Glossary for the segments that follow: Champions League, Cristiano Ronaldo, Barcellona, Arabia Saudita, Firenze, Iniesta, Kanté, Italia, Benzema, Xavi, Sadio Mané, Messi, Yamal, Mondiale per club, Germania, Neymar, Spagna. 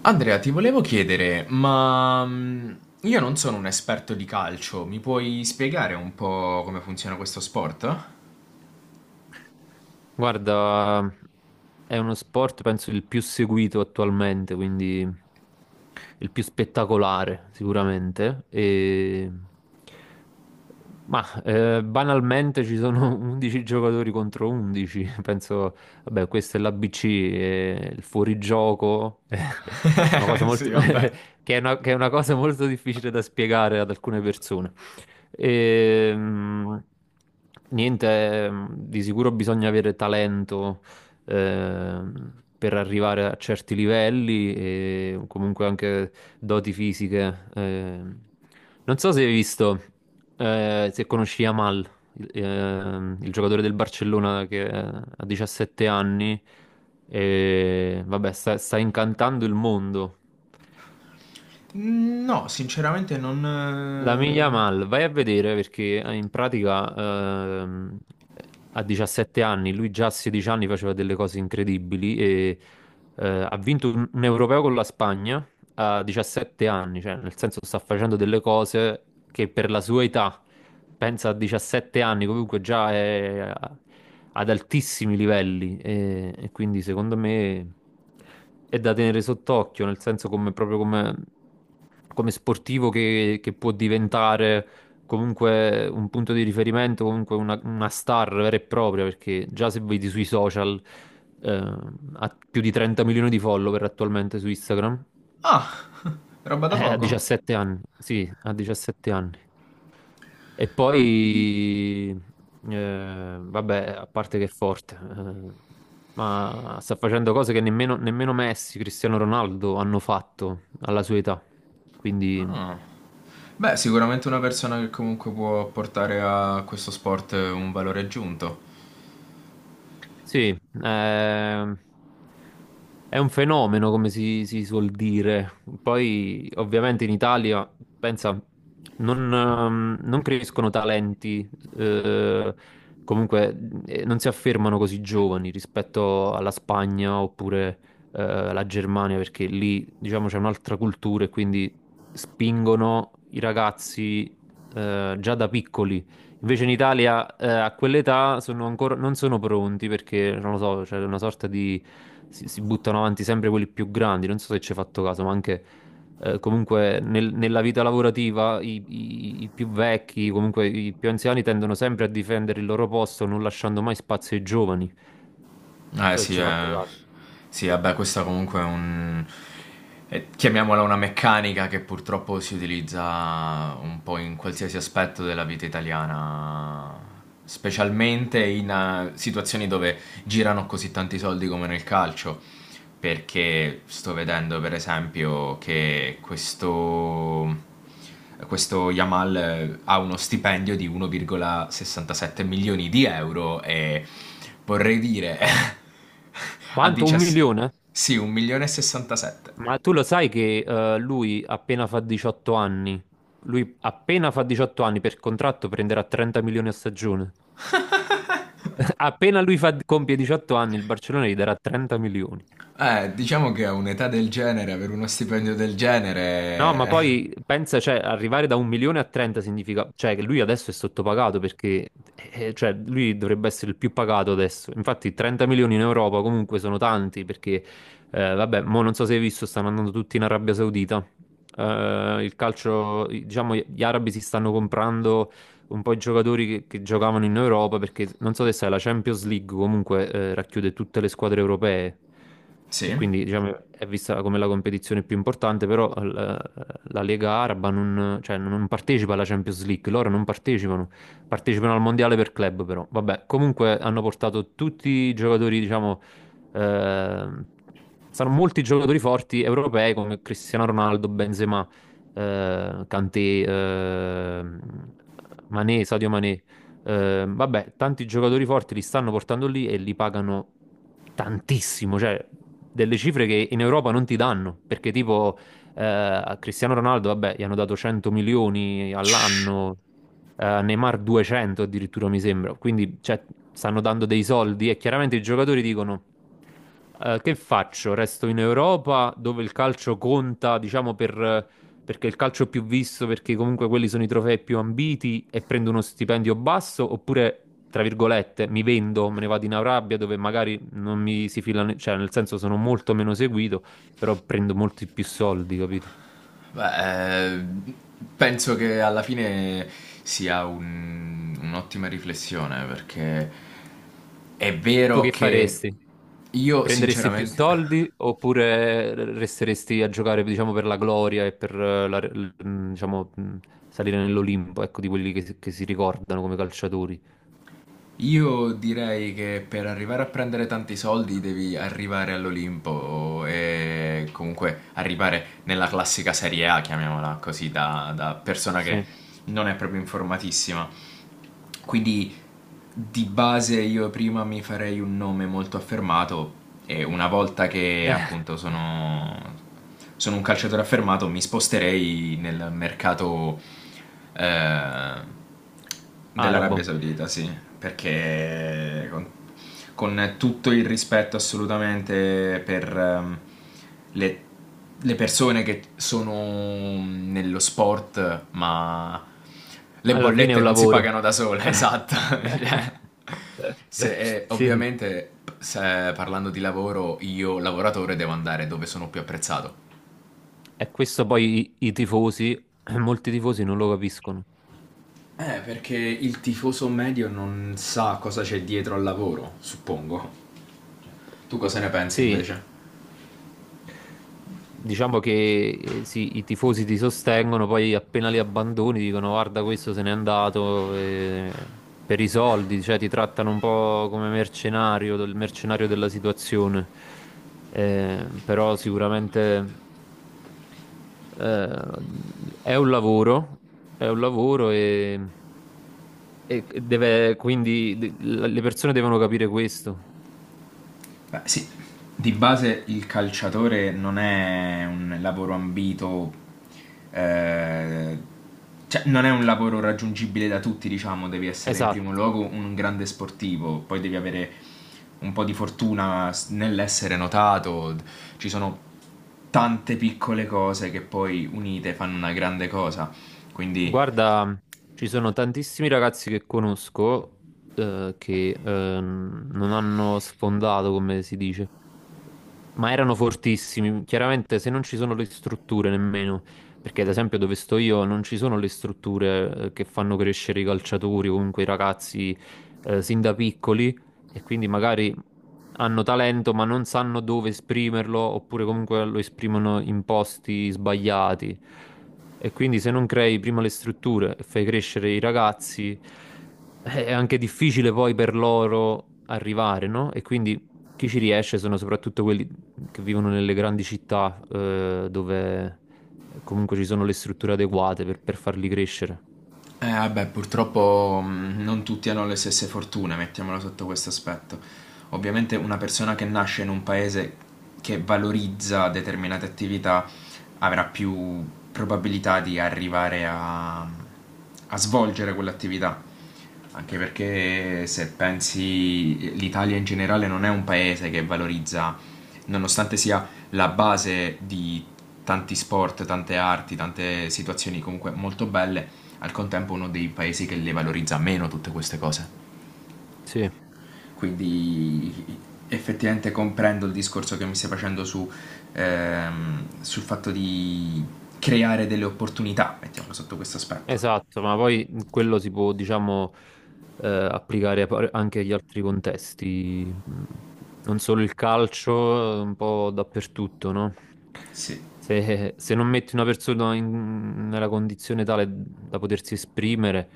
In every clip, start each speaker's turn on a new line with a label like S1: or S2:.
S1: Andrea, ti volevo chiedere, ma io non sono un esperto di calcio, mi puoi spiegare un po' come funziona questo sport?
S2: Guarda, è uno sport penso il più seguito attualmente, quindi il più spettacolare sicuramente. Ma banalmente ci sono 11 giocatori contro 11, penso. Vabbè, questo è l'ABC, è il fuorigioco, è una cosa molto
S1: Sì, vabbè.
S2: che è una cosa molto difficile da spiegare ad alcune persone. E, niente, di sicuro bisogna avere talento, per arrivare a certi livelli e comunque anche doti fisiche. Non so se hai visto, se conosci Yamal, il giocatore del Barcellona che ha 17 anni e vabbè, sta incantando il mondo.
S1: Mm, no, sinceramente
S2: La Miglia
S1: non.
S2: Mal, vai a vedere perché in pratica, a 17 anni, lui già a 16 anni faceva delle cose incredibili e ha vinto un europeo con la Spagna a 17 anni, cioè nel senso sta facendo delle cose che per la sua età, pensa, a 17 anni comunque già è ad altissimi livelli, e quindi secondo me è da tenere sott'occhio, nel senso come proprio come sportivo che può diventare comunque un punto di riferimento, comunque una star vera e propria, perché già se vedi sui social, eh, ha più di 30 milioni di follower attualmente su Instagram.
S1: Eh. Ah, roba da
S2: A
S1: poco?
S2: 17 anni, sì, a 17 anni. E poi, vabbè, a parte che è forte, ma sta facendo cose che nemmeno Messi, Cristiano Ronaldo hanno fatto alla sua età. Quindi...
S1: Ah. Beh, sicuramente una persona che comunque può portare a questo sport un valore aggiunto.
S2: Sì. ehm, È un fenomeno, come si suol dire. Poi, ovviamente, in Italia, pensa, non crescono talenti, eh, comunque non si affermano così giovani rispetto alla Spagna oppure alla Germania, perché lì, diciamo, c'è un'altra cultura e quindi spingono i ragazzi già da piccoli. Invece in Italia, a quell'età sono ancora, non sono pronti perché, non lo so, c'è una sorta di. Si buttano avanti sempre quelli più grandi. Non so se ci hai fatto caso, ma anche comunque nella vita lavorativa i più vecchi, comunque i più anziani tendono sempre a difendere il loro posto, non lasciando mai spazio ai giovani. Non
S1: Eh
S2: so se
S1: sì,
S2: ci hai fatto
S1: eh.
S2: caso.
S1: Sì, vabbè, questa comunque chiamiamola una meccanica che purtroppo si utilizza un po' in qualsiasi aspetto della vita italiana, specialmente in situazioni dove girano così tanti soldi come nel calcio. Perché sto vedendo, per esempio, che questo. Questo Yamal ha uno stipendio di 1,67 milioni di euro e vorrei dire a
S2: Quanto? Un
S1: 17.
S2: milione?
S1: Sì, 1 milione e 67.
S2: Ma tu lo sai che, lui appena fa 18 anni, lui appena fa 18 anni per contratto prenderà 30 milioni a stagione? Appena lui compie 18 anni, il Barcellona gli darà 30 milioni.
S1: Diciamo che a un'età del genere, avere uno stipendio del
S2: No, ma
S1: genere.
S2: poi pensa, cioè, arrivare da un milione a 30 significa, cioè, che lui adesso è sottopagato, perché, cioè, lui dovrebbe essere il più pagato adesso. Infatti, 30 milioni in Europa comunque sono tanti, perché, vabbè, mo non so se hai visto, stanno andando tutti in Arabia Saudita. Il calcio, diciamo, gli arabi si stanno comprando un po' i giocatori che giocavano in Europa, perché non so se sai, la Champions League comunque racchiude tutte le squadre europee e
S1: Sì.
S2: quindi, diciamo, è vista come la competizione più importante, però la Lega Araba non, cioè, non partecipa alla Champions League, loro non partecipano, partecipano al Mondiale per club però. Vabbè, comunque hanno portato tutti i giocatori, diciamo, eh, sono molti giocatori forti europei come Cristiano Ronaldo, Benzema, Kanté, Mané, Sadio Mané. Vabbè, tanti giocatori forti li stanno portando lì e li pagano tantissimo, cioè delle cifre che in Europa non ti danno, perché tipo, a Cristiano Ronaldo, vabbè, gli hanno dato 100 milioni all'anno, a Neymar 200 addirittura mi sembra. Quindi, cioè, stanno dando dei soldi, e chiaramente i giocatori dicono, che faccio? Resto in Europa dove il calcio conta, diciamo, perché il calcio più visto, perché comunque quelli sono i trofei più ambiti e prendo uno stipendio basso, oppure, tra virgolette, mi vendo, me ne vado in Arabia dove magari non mi si filano, cioè nel senso sono molto meno seguito, però prendo molti più soldi, capito?
S1: Beh, penso che alla fine sia un'ottima riflessione perché è
S2: Tu
S1: vero
S2: che
S1: che
S2: faresti?
S1: io
S2: Prenderesti più
S1: sinceramente,
S2: soldi oppure resteresti a giocare, diciamo, per la gloria e per, diciamo, salire nell'Olimpo, ecco, di quelli che si ricordano come calciatori?
S1: io direi che per arrivare a prendere tanti soldi devi arrivare all'Olimpo e comunque arrivare nella classica Serie A, chiamiamola così, da persona che
S2: Sì.
S1: non è proprio informatissima. Quindi di base io prima mi farei un nome molto affermato e una volta che appunto sono un calciatore affermato mi sposterei nel mercato eh, dell'Arabia
S2: Arabo.
S1: Saudita, sì, perché con tutto il rispetto assolutamente per le, le persone che sono nello sport ma le
S2: Alla fine è
S1: bollette
S2: un
S1: non si
S2: lavoro.
S1: pagano da sole, esatto. Cioè,
S2: Sì,
S1: ovviamente, parlando di lavoro, io lavoratore devo andare dove sono più apprezzato.
S2: e questo poi i tifosi, molti tifosi non lo capiscono.
S1: Perché il tifoso medio non sa cosa c'è dietro al lavoro, suppongo. Tu cosa ne pensi
S2: Sì,
S1: invece?
S2: diciamo che, sì, i tifosi ti sostengono, poi appena li abbandoni dicono guarda questo se n'è andato, per i soldi, cioè ti trattano un po' come mercenario, del mercenario della situazione. Però sicuramente, eh, è un lavoro, è un lavoro. Le persone devono capire questo.
S1: Beh, sì, di base il calciatore non è un lavoro ambito, eh, cioè non è un lavoro raggiungibile da tutti, diciamo, devi essere in
S2: Esatto.
S1: primo luogo un grande sportivo, poi devi avere un po' di fortuna nell'essere notato, ci sono tante piccole cose che poi unite fanno una grande cosa, quindi.
S2: Guarda, ci sono tantissimi ragazzi che conosco, che non hanno sfondato, come si dice. Ma erano fortissimi, chiaramente se non ci sono le strutture nemmeno, perché ad esempio dove sto io non ci sono le strutture che fanno crescere i calciatori o comunque i ragazzi sin da piccoli, e quindi magari hanno talento ma non sanno dove esprimerlo oppure comunque lo esprimono in posti sbagliati. E quindi se non crei prima le strutture e fai crescere i ragazzi, è anche difficile poi per loro arrivare, no? E quindi chi ci riesce sono soprattutto quelli che vivono nelle grandi città, dove comunque ci sono le strutture adeguate per farli crescere.
S1: Vabbè, purtroppo non tutti hanno le stesse fortune, mettiamola sotto questo aspetto. Ovviamente una persona che nasce in un paese che valorizza determinate attività avrà più probabilità di arrivare a svolgere quell'attività. Anche perché se pensi l'Italia in generale non è un paese che valorizza, nonostante sia la base di tanti sport, tante arti, tante situazioni comunque molto belle, al contempo uno dei paesi che le valorizza meno tutte queste cose.
S2: Sì.
S1: Quindi effettivamente comprendo il discorso che mi stai facendo sul fatto di creare delle opportunità, mettiamolo sotto questo aspetto.
S2: Esatto, ma poi quello si può, diciamo, applicare a anche agli altri contesti. Non solo il calcio, un po' dappertutto, no?
S1: Sì,
S2: Se non metti una persona nella condizione tale da potersi esprimere,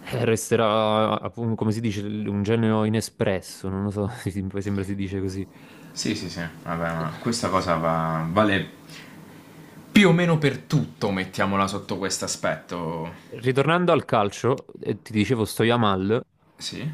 S2: resterà, appunto, come si dice, un genio inespresso, non lo so, mi sembra si dice così.
S1: sì, sì, sì. Vabbè, ma questa cosa vale più o meno per tutto, mettiamola sotto questo aspetto.
S2: Ritornando al calcio, ti dicevo, Stojamal.
S1: Sì?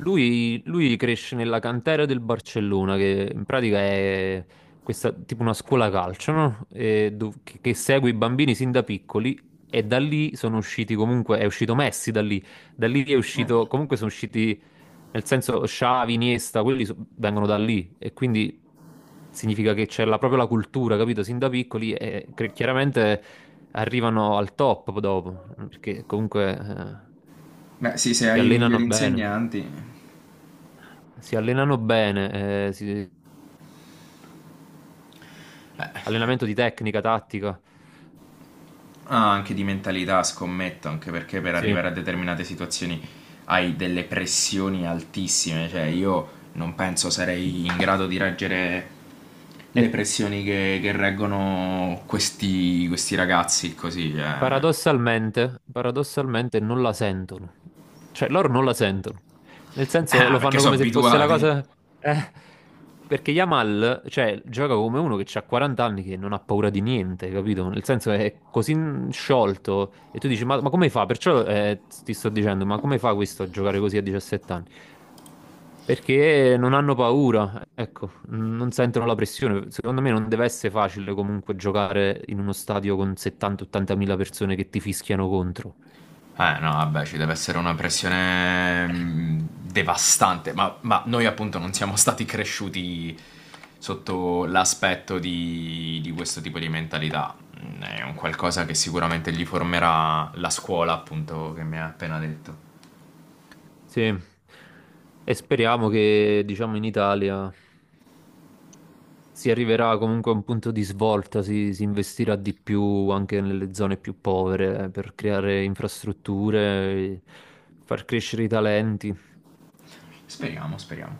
S2: Lui cresce nella cantera del Barcellona, che in pratica è questa, tipo una scuola calcio, no? E che segue i bambini sin da piccoli e da lì sono usciti comunque, è uscito Messi da lì è uscito, comunque sono usciti, nel senso Xavi, Iniesta, quelli vengono da lì, e quindi significa che c'è proprio la cultura, capito? Sin da piccoli, e chiaramente arrivano al top dopo, perché comunque
S1: Beh, sì, se
S2: si
S1: hai i migliori
S2: allenano bene.
S1: insegnanti.
S2: Si allenano bene, allenamento di tecnica, tattica.
S1: Ah, anche di mentalità, scommetto, anche perché per
S2: Sì.
S1: arrivare a determinate situazioni hai delle pressioni altissime, cioè io non penso sarei in grado di reggere
S2: E
S1: le pressioni che reggono questi ragazzi così, eh.
S2: paradossalmente, paradossalmente non la sentono. Cioè, loro non la sentono. Nel senso,
S1: Ah,
S2: lo
S1: perché
S2: fanno
S1: sono
S2: come se fosse la
S1: abituati.
S2: cosa. eh, Perché Yamal, cioè, gioca come uno che ha 40 anni, che non ha paura di niente, capito? Nel senso, è così sciolto. E tu dici, ma come fa? Perciò, ti sto dicendo, ma come fa questo a giocare così a 17 anni? Perché non hanno paura, ecco, non sentono la pressione. Secondo me non deve essere facile comunque giocare in uno stadio con 70-80 mila persone che ti fischiano contro.
S1: Eh no, vabbè, ci deve essere una pressione devastante, ma noi appunto non siamo stati cresciuti sotto l'aspetto di questo tipo di mentalità. È un qualcosa che sicuramente gli formerà la scuola, appunto, che mi ha appena detto.
S2: Sì, e speriamo che, diciamo, in Italia si arriverà comunque a un punto di svolta, si investirà di più anche nelle zone più povere, per creare infrastrutture, far crescere i talenti.
S1: Speriamo, speriamo.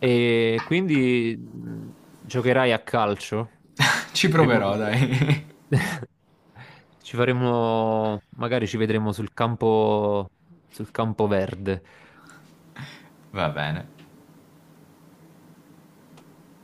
S2: E quindi, giocherai a calcio?
S1: Ci
S2: Prima o
S1: proverò,
S2: poi
S1: dai.
S2: ci faremo, magari ci vedremo sul campo verde.
S1: Va bene.